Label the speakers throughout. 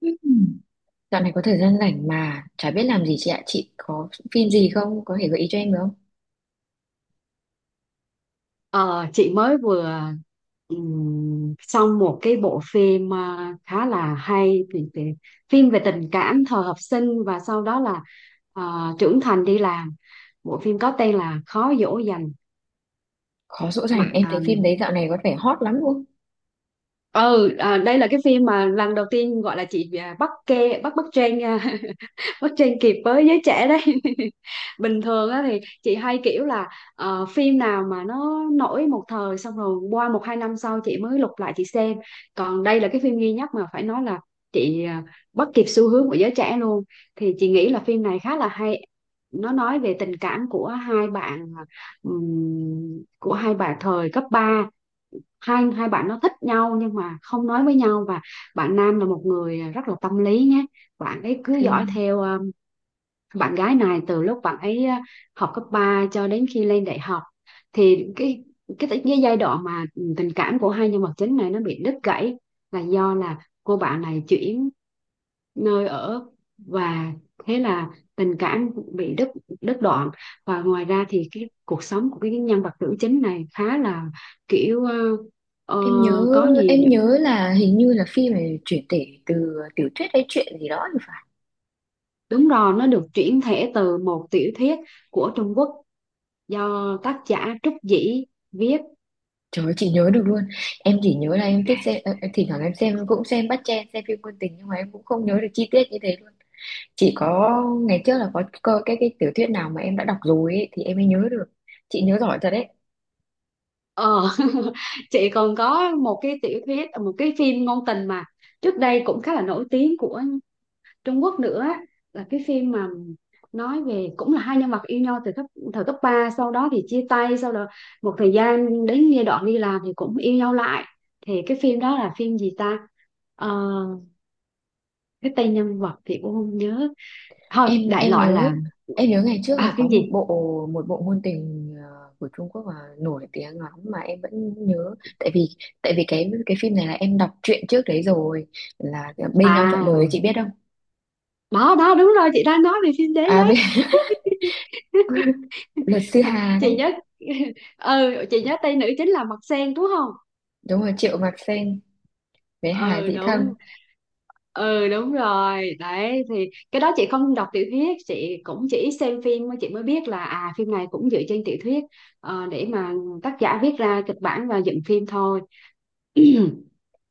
Speaker 1: Ừm, Dạo này có thời gian rảnh mà chả biết làm gì chị ạ. Chị có phim gì không? Có thể gợi ý cho em được không?
Speaker 2: Ờ, chị mới vừa xong một cái bộ phim khá là hay, thì phim về tình cảm thời học sinh và sau đó là trưởng thành đi làm. Bộ phim có tên là Khó dỗ dành.
Speaker 1: Khó dỗ dành.
Speaker 2: bạn
Speaker 1: Em thấy phim đấy dạo này có vẻ hot lắm luôn.
Speaker 2: Đây là cái phim mà lần đầu tiên gọi là bắt trend, bắt trend kịp với giới trẻ đấy bình thường á thì chị hay kiểu là phim nào mà nó nổi một thời xong rồi qua một hai năm sau chị mới lục lại chị xem. Còn đây là cái phim duy nhất mà phải nói là chị à, bắt kịp xu hướng của giới trẻ luôn. Thì chị nghĩ là phim này khá là hay. Nó nói về tình cảm của hai bạn của hai bạn thời cấp ba. Hai hai bạn nó thích nhau nhưng mà không nói với nhau, và bạn nam là một người rất là tâm lý nhé. Bạn ấy cứ dõi
Speaker 1: Phim
Speaker 2: theo bạn gái này từ lúc bạn ấy học cấp 3 cho đến khi lên đại học. Thì cái giai đoạn mà tình cảm của hai nhân vật chính này nó bị đứt gãy là do là cô bạn này chuyển nơi ở, và thế là tình cảm bị đứt, đứt đoạn. Và ngoài ra thì cái cuộc sống của cái nhân vật nữ chính này khá là kiểu ờ,
Speaker 1: em nhớ
Speaker 2: có nhiều
Speaker 1: em
Speaker 2: những...
Speaker 1: nhớ là hình như là phim này chuyển thể từ tiểu thuyết hay chuyện gì đó thì phải.
Speaker 2: Đúng rồi, nó được chuyển thể từ một tiểu thuyết của Trung Quốc do tác giả Trúc Dĩ viết.
Speaker 1: Trời ơi, chị nhớ được luôn. Em chỉ nhớ là em thích xem thỉnh thoảng em xem cũng xem bắt chen xem phim ngôn tình nhưng mà em cũng không nhớ được chi tiết như thế luôn. Chỉ có ngày trước là có cái tiểu thuyết nào mà em đã đọc rồi ấy, thì em mới nhớ được. Chị nhớ giỏi thật.
Speaker 2: ờ chị còn có một cái tiểu thuyết, một cái phim ngôn tình mà trước đây cũng khá là nổi tiếng của Trung Quốc nữa, là cái phim mà nói về cũng là hai nhân vật yêu nhau từ cấp thời cấp ba, sau đó thì chia tay, sau đó một thời gian đến giai đoạn đi làm thì cũng yêu nhau lại. Thì cái phim đó là phim gì ta? Ờ, cái tên nhân vật thì cũng không nhớ, thôi
Speaker 1: em
Speaker 2: đại
Speaker 1: em
Speaker 2: loại
Speaker 1: nhớ
Speaker 2: là
Speaker 1: em nhớ ngày trước
Speaker 2: à
Speaker 1: là có
Speaker 2: phim gì.
Speaker 1: một bộ ngôn tình của Trung Quốc mà nổi tiếng lắm mà em vẫn nhớ. Tại vì cái phim này là em đọc truyện trước đấy rồi, là bên nhau trọn đời, chị
Speaker 2: À,
Speaker 1: biết không?
Speaker 2: đó đó, đúng rồi, chị đang nói về phim đấy
Speaker 1: À
Speaker 2: đấy.
Speaker 1: bên Luật sư Hà
Speaker 2: Chị
Speaker 1: đấy.
Speaker 2: nhớ. Ừ, chị nhớ Tây nữ chính là Mặt Sen đúng không?
Speaker 1: Đúng rồi, Triệu Mạc Sen với Hà
Speaker 2: Ừ
Speaker 1: Dĩ Thâm.
Speaker 2: đúng. Ừ đúng rồi đấy. Thì cái đó chị không đọc tiểu thuyết, chị cũng chỉ xem phim, mới chị mới biết là à phim này cũng dựa trên tiểu thuyết, để mà tác giả viết ra kịch bản và dựng phim thôi.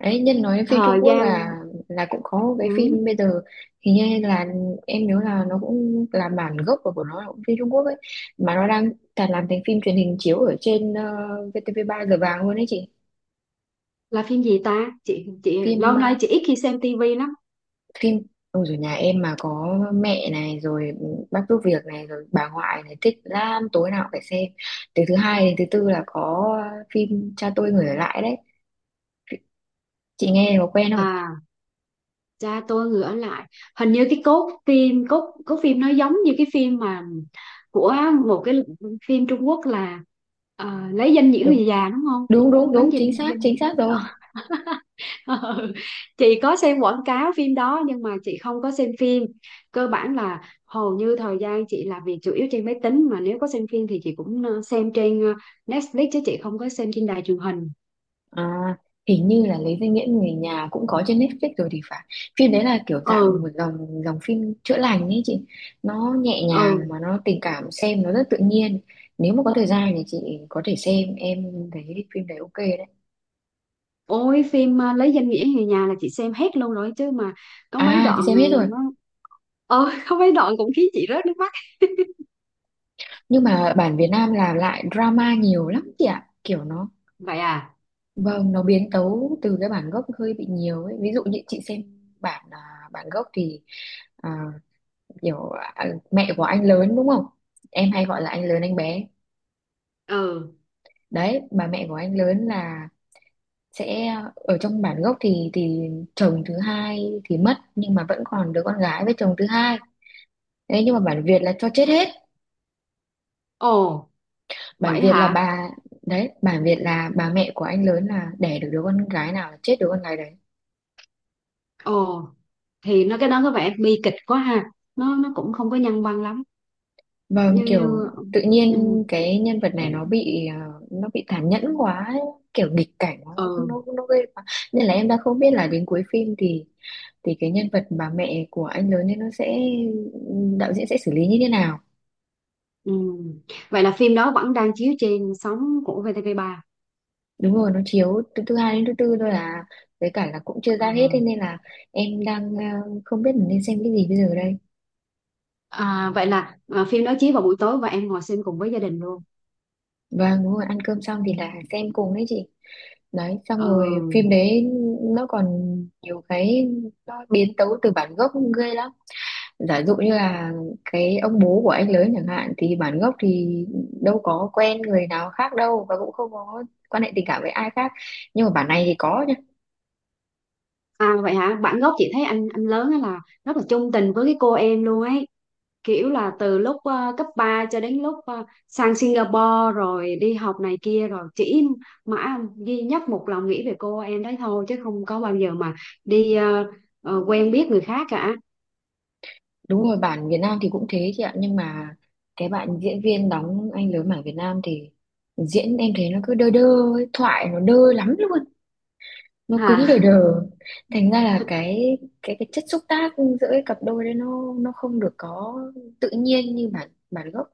Speaker 1: Đấy, nhân nói phim Trung
Speaker 2: Thời
Speaker 1: Quốc
Speaker 2: gian
Speaker 1: là cũng có một cái
Speaker 2: ừ,
Speaker 1: phim bây giờ, hình như là em nhớ là nó cũng là bản gốc, của nó là cũng phim Trung Quốc ấy, mà nó đang cả làm thành phim truyền hình chiếu ở trên VTV3 giờ vàng luôn đấy chị.
Speaker 2: là phim gì ta? Chị lâu
Speaker 1: phim
Speaker 2: nay
Speaker 1: ờ,
Speaker 2: chị ít khi xem tivi lắm.
Speaker 1: Phim. Ôi rồi, nhà em mà có mẹ này rồi, bác giúp việc này rồi, bà ngoại này thích lắm, tối nào cũng phải xem. Từ thứ hai đến thứ tư là có phim Cha tôi người ở lại đấy, chị nghe có quen không?
Speaker 2: À Cha tôi người ở lại. Hình như cái cốt phim nó giống như cái phim mà của một cái phim Trung Quốc là lấy danh nghĩa
Speaker 1: đúng
Speaker 2: người già đúng không?
Speaker 1: đúng đúng
Speaker 2: lấy
Speaker 1: đúng chính
Speaker 2: danh
Speaker 1: xác,
Speaker 2: danh
Speaker 1: chính xác rồi.
Speaker 2: Ờ, chị có xem quảng cáo phim đó nhưng mà chị không có xem phim. Cơ bản là hầu như thời gian chị làm việc chủ yếu trên máy tính, mà nếu có xem phim thì chị cũng xem trên Netflix chứ chị không có xem trên đài truyền hình.
Speaker 1: À, hình như là Lấy danh nghĩa người nhà cũng có trên Netflix rồi thì phải. Phim đấy là kiểu dạng
Speaker 2: Ừ.
Speaker 1: một dòng dòng phim chữa lành ấy chị. Nó nhẹ nhàng
Speaker 2: Ừ.
Speaker 1: mà nó tình cảm, xem nó rất tự nhiên. Nếu mà có thời gian thì chị có thể xem, em thấy phim đấy ok đấy.
Speaker 2: Ôi phim Lấy danh nghĩa người nhà là chị xem hết luôn rồi chứ mà có mấy
Speaker 1: À,
Speaker 2: đoạn
Speaker 1: chị xem hết rồi.
Speaker 2: nó có mấy đoạn cũng khiến chị rớt nước mắt.
Speaker 1: Nhưng mà bản Việt Nam làm lại drama nhiều lắm chị ạ. Kiểu nó,
Speaker 2: Vậy à.
Speaker 1: vâng, nó biến tấu từ cái bản gốc hơi bị nhiều ấy. Ví dụ như chị xem bản à, bản gốc thì, à, kiểu, à, mẹ của anh lớn đúng không, em hay gọi là anh lớn anh bé
Speaker 2: Ừ.
Speaker 1: đấy. Bà mẹ của anh lớn là sẽ, ở trong bản gốc thì chồng thứ hai thì mất nhưng mà vẫn còn đứa con gái với chồng thứ hai đấy, nhưng mà bản Việt là cho chết hết.
Speaker 2: Ồ.
Speaker 1: Bản
Speaker 2: Vậy
Speaker 1: Việt là
Speaker 2: hả.
Speaker 1: bà Đấy, bản Việt là bà mẹ của anh lớn là đẻ được đứa con gái nào là chết đứa con gái đấy.
Speaker 2: Ồ. Thì nó cái đó có vẻ bi kịch quá ha, nó cũng không có nhân văn lắm.
Speaker 1: Vâng,
Speaker 2: như
Speaker 1: kiểu
Speaker 2: như
Speaker 1: tự nhiên
Speaker 2: ừ.
Speaker 1: cái nhân vật
Speaker 2: Ừ.
Speaker 1: này nó bị nó bị tàn nhẫn quá ấy. Kiểu nghịch cảnh nó
Speaker 2: Ừ.
Speaker 1: nó nó ghê quá, nên là em đã không biết là đến cuối phim thì cái nhân vật bà mẹ của anh lớn ấy nó sẽ, đạo diễn sẽ xử lý như thế nào.
Speaker 2: Ừ. Vậy là phim đó vẫn đang chiếu trên sóng của VTV3.
Speaker 1: Đúng rồi, nó chiếu từ thứ hai đến thứ tư thôi à, với cả là cũng chưa ra hết, thế
Speaker 2: Ừ.
Speaker 1: nên là em đang không biết mình nên xem cái gì bây giờ đây.
Speaker 2: À, vậy là phim đó chiếu vào buổi tối và em ngồi xem cùng với gia đình luôn.
Speaker 1: Vâng đúng rồi, ăn cơm xong thì là xem cùng đấy chị. Đấy xong rồi phim
Speaker 2: Ừ.
Speaker 1: đấy nó còn nhiều cái, nó biến tấu từ bản gốc ghê lắm. Giả dụ như là cái ông bố của anh lớn chẳng hạn, thì bản gốc thì đâu có quen người nào khác đâu, và cũng không có quan hệ tình cảm với ai khác, nhưng mà bản này thì có nhá.
Speaker 2: À vậy hả? Bản gốc chị thấy anh lớn ấy là rất là chung tình với cái cô em luôn ấy. Kiểu là từ lúc cấp 3 cho đến lúc sang Singapore rồi đi học này kia rồi chỉ mãi duy nhất một lòng nghĩ về cô em đấy thôi chứ không có bao giờ mà đi quen biết người khác cả.
Speaker 1: Đúng rồi, bản Việt Nam thì cũng thế chị ạ, nhưng mà cái bạn diễn viên đóng anh lớn bản Việt Nam thì diễn em thấy nó cứ đơ đơ ấy, thoại nó đơ lắm luôn, nó
Speaker 2: À.
Speaker 1: cứng đờ đờ. Thành ra là cái chất xúc tác giữa cái cặp đôi đấy nó không được có tự nhiên như bản bản gốc.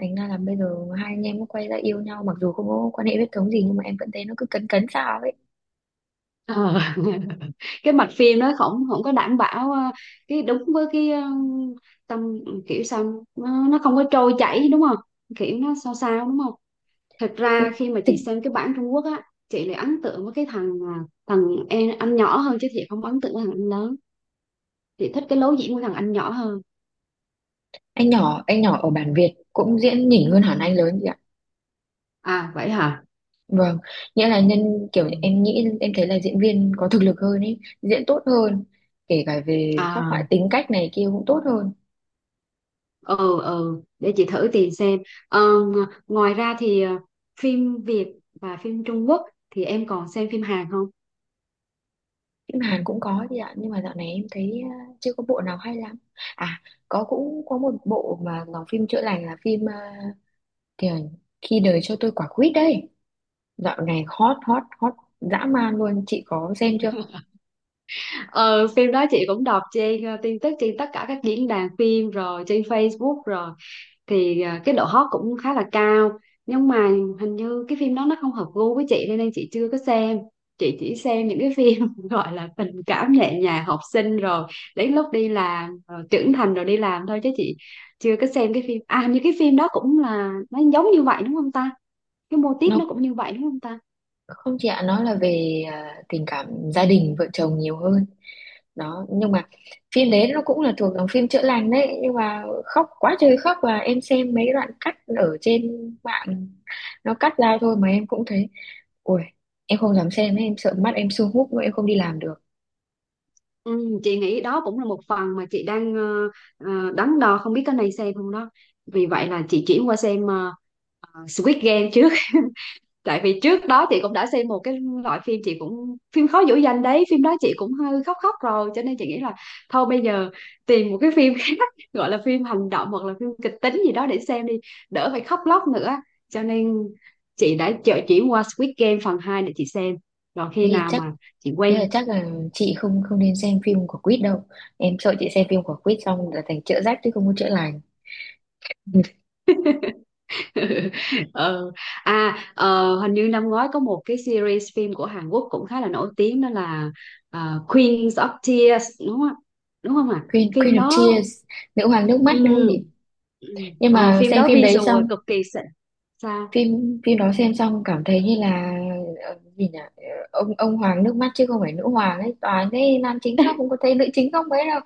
Speaker 1: Thành ra là bây giờ hai anh em mới quay ra yêu nhau, mặc dù không có quan hệ huyết thống gì, nhưng mà em vẫn thấy nó cứ cấn cấn sao ấy.
Speaker 2: Ờ. Cái mạch phim nó không không có đảm bảo cái đúng với cái tâm, kiểu sao nó không có trôi chảy đúng không? Kiểu nó sao sao đúng. Thật ra khi mà
Speaker 1: Thực,
Speaker 2: chị xem cái bản Trung Quốc á, chị lại ấn tượng với cái thằng, thằng em anh nhỏ hơn chứ chị không ấn tượng với thằng anh lớn. Chị thích cái lối diễn của thằng anh nhỏ hơn.
Speaker 1: anh nhỏ ở bản Việt cũng diễn nhỉnh hơn hẳn anh lớn chị ạ.
Speaker 2: À vậy hả.
Speaker 1: Vâng, nghĩa là nhân
Speaker 2: Ừ.
Speaker 1: kiểu em nghĩ em thấy là diễn viên có thực lực hơn ấy, diễn tốt hơn, kể cả về các
Speaker 2: À.
Speaker 1: loại tính cách này kia cũng tốt hơn.
Speaker 2: Ừ, để chị thử tìm xem. Ngoài ra thì phim Việt và phim Trung Quốc thì em còn xem phim Hàn không?
Speaker 1: Phim Hàn cũng có chị ạ, nhưng mà dạo này em thấy chưa có bộ nào hay lắm. À, có cũng có một bộ mà nó phim chữa lành, là phim kiểu, Khi đời cho tôi quả quýt đấy. Dạo này hot hot hot dã man luôn, chị có xem chưa?
Speaker 2: Ờ Phim đó chị cũng đọc trên, tin tức trên tất cả các diễn đàn phim, rồi trên Facebook rồi, thì cái độ hot cũng khá là cao. Nhưng mà hình như cái phim đó nó không hợp gu với chị, nên chị chưa có xem. Chị chỉ xem những cái phim gọi là tình cảm nhẹ nhàng học sinh, rồi đến lúc đi làm, rồi trưởng thành, rồi đi làm thôi. Chứ chị chưa có xem cái phim à, hình như cái phim đó cũng là nó giống như vậy đúng không ta? Cái mô típ nó
Speaker 1: Nó
Speaker 2: cũng như vậy đúng không ta?
Speaker 1: không chị ạ, nó là về tình cảm gia đình vợ chồng nhiều hơn đó, nhưng mà phim đấy nó cũng là thuộc dòng phim chữa lành đấy, nhưng mà khóc quá trời khóc. Và em xem mấy đoạn cắt ở trên mạng, nó cắt ra thôi mà em cũng thấy, ui, em không dám xem ấy, em sợ mắt em sưng húp mà em không đi làm được.
Speaker 2: Ừ, chị nghĩ đó cũng là một phần mà chị đang đắn đo không biết cái này xem không đó. Vì vậy là chị chuyển qua xem Squid Game trước. Tại vì trước đó chị cũng đã xem một cái loại phim, chị cũng phim khó dỗ dành đấy, phim đó chị cũng hơi khóc khóc rồi, cho nên chị nghĩ là thôi bây giờ tìm một cái phim khác, gọi là phim hành động hoặc là phim kịch tính gì đó để xem đi, đỡ phải khóc lóc nữa. Cho nên chị đã chợ chuyển qua Squid Game phần 2 để chị xem, rồi
Speaker 1: Thế
Speaker 2: khi
Speaker 1: thì
Speaker 2: nào
Speaker 1: chắc,
Speaker 2: mà chị
Speaker 1: thế là
Speaker 2: quen.
Speaker 1: chắc là chị không không nên xem phim của Quýt đâu, em sợ chị xem phim của Quýt xong là thành chữa rách chứ không có chữa lành.
Speaker 2: Ờ. À hình như năm ngoái có một cái series phim của Hàn Quốc cũng khá là nổi tiếng, đó là Queens of Tears đúng không ạ? Đúng không ạ?
Speaker 1: Queen Queen
Speaker 2: Phim
Speaker 1: of
Speaker 2: đó.
Speaker 1: Tears, nữ hoàng nước mắt
Speaker 2: Ừ.
Speaker 1: đúng không chị?
Speaker 2: Ừ.
Speaker 1: Nhưng mà
Speaker 2: Phim
Speaker 1: xem
Speaker 2: đó
Speaker 1: phim đấy
Speaker 2: visual
Speaker 1: xong,
Speaker 2: cực kỳ xịn. Sao.
Speaker 1: phim phim đó xem xong cảm thấy như là gì nhỉ, ông hoàng nước mắt chứ không phải nữ hoàng ấy, toàn thấy nam chính khóc không có thấy nữ chính khóc mấy đâu.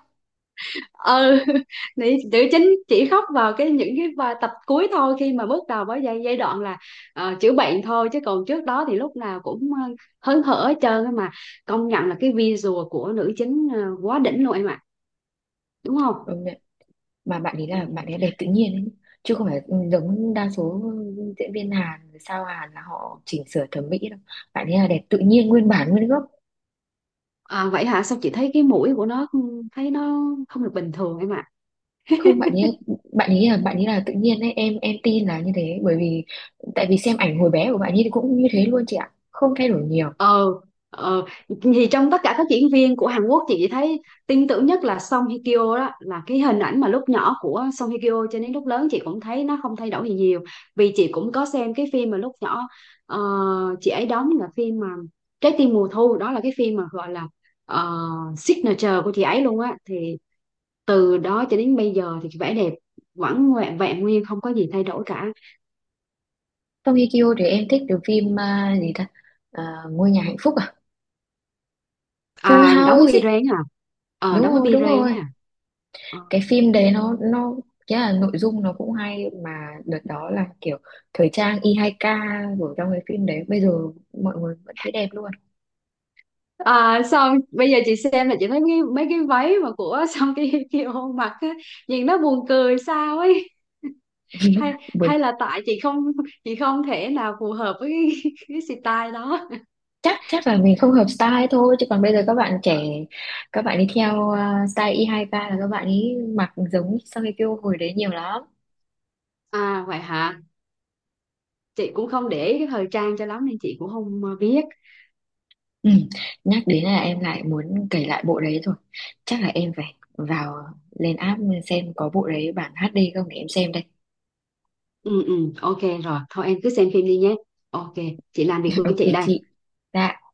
Speaker 2: Ừ. nữ, Nữ chính chỉ khóc vào cái những cái tập cuối thôi. Khi mà bước đầu với giai giai đoạn là chữa bệnh thôi, chứ còn trước đó thì lúc nào cũng hớn hở hết trơn á mà. Công nhận là cái visual của nữ chính quá đỉnh luôn em ạ, đúng không?
Speaker 1: Công nhận. Mà bạn ấy
Speaker 2: Ừ.
Speaker 1: là bạn ấy đẹp tự nhiên ấy, chứ không phải giống đa số diễn viên Hàn, sao Hàn là họ chỉnh sửa thẩm mỹ đâu, bạn ấy là đẹp tự nhiên, nguyên bản nguyên gốc.
Speaker 2: À, vậy hả? Sao chị thấy cái mũi của nó thấy nó không được bình thường em ạ.
Speaker 1: Không, bạn ấy, bạn ấy là tự nhiên đấy em tin là như thế, bởi vì tại vì xem ảnh hồi bé của bạn ấy thì cũng như thế luôn chị ạ, không thay đổi nhiều.
Speaker 2: Ờ. Ờ. Thì trong tất cả các diễn viên của Hàn Quốc chị chỉ thấy tin tưởng nhất là Song Hye Kyo, đó là cái hình ảnh mà lúc nhỏ của Song Hye Kyo cho đến lúc lớn chị cũng thấy nó không thay đổi gì nhiều. Vì chị cũng có xem cái phim mà lúc nhỏ ờ, chị ấy đóng là phim mà Trái tim mùa thu, đó là cái phim mà gọi là ờ, signature của chị ấy luôn á. Thì từ đó cho đến bây giờ thì vẻ đẹp vẫn ngoẹ vẹn nguyên, không có gì thay đổi cả.
Speaker 1: Song Hye Kyo thì em thích từ phim gì ta, À, Ngôi nhà hạnh phúc à, Full
Speaker 2: À đóng với
Speaker 1: House
Speaker 2: Bi
Speaker 1: ấy.
Speaker 2: Ren à. Ờ
Speaker 1: đúng
Speaker 2: đóng với
Speaker 1: rồi
Speaker 2: Bi
Speaker 1: đúng
Speaker 2: Ren
Speaker 1: rồi
Speaker 2: nha.
Speaker 1: cái phim đấy nó cái là nội dung nó cũng hay, mà đợt đó là kiểu thời trang Y2K, rồi trong cái phim đấy bây giờ mọi người vẫn thấy đẹp luôn.
Speaker 2: À, xong bây giờ chị xem là chị thấy mấy cái váy mà của xong cái kia hôn mặt á, nhìn nó buồn cười sao ấy. Hay, hay là tại chị không thể nào phù hợp với cái style đó.
Speaker 1: Chắc, chắc là mình không hợp style thôi, chứ còn bây giờ các bạn trẻ các bạn đi theo style Y2K là các bạn ấy mặc giống Song Hye Kyo hồi đấy nhiều lắm.
Speaker 2: À vậy hả. Chị cũng không để ý cái thời trang cho lắm nên chị cũng không biết.
Speaker 1: Ừ, nhắc đến là em lại muốn cày lại bộ đấy rồi, chắc là em phải vào, lên app xem có bộ đấy bản HD không để em xem đây.
Speaker 2: Ừ. Ừ ok rồi, thôi em cứ xem phim đi nhé. Ok. Chị làm việc của
Speaker 1: Ok
Speaker 2: chị đây.
Speaker 1: chị, dạ.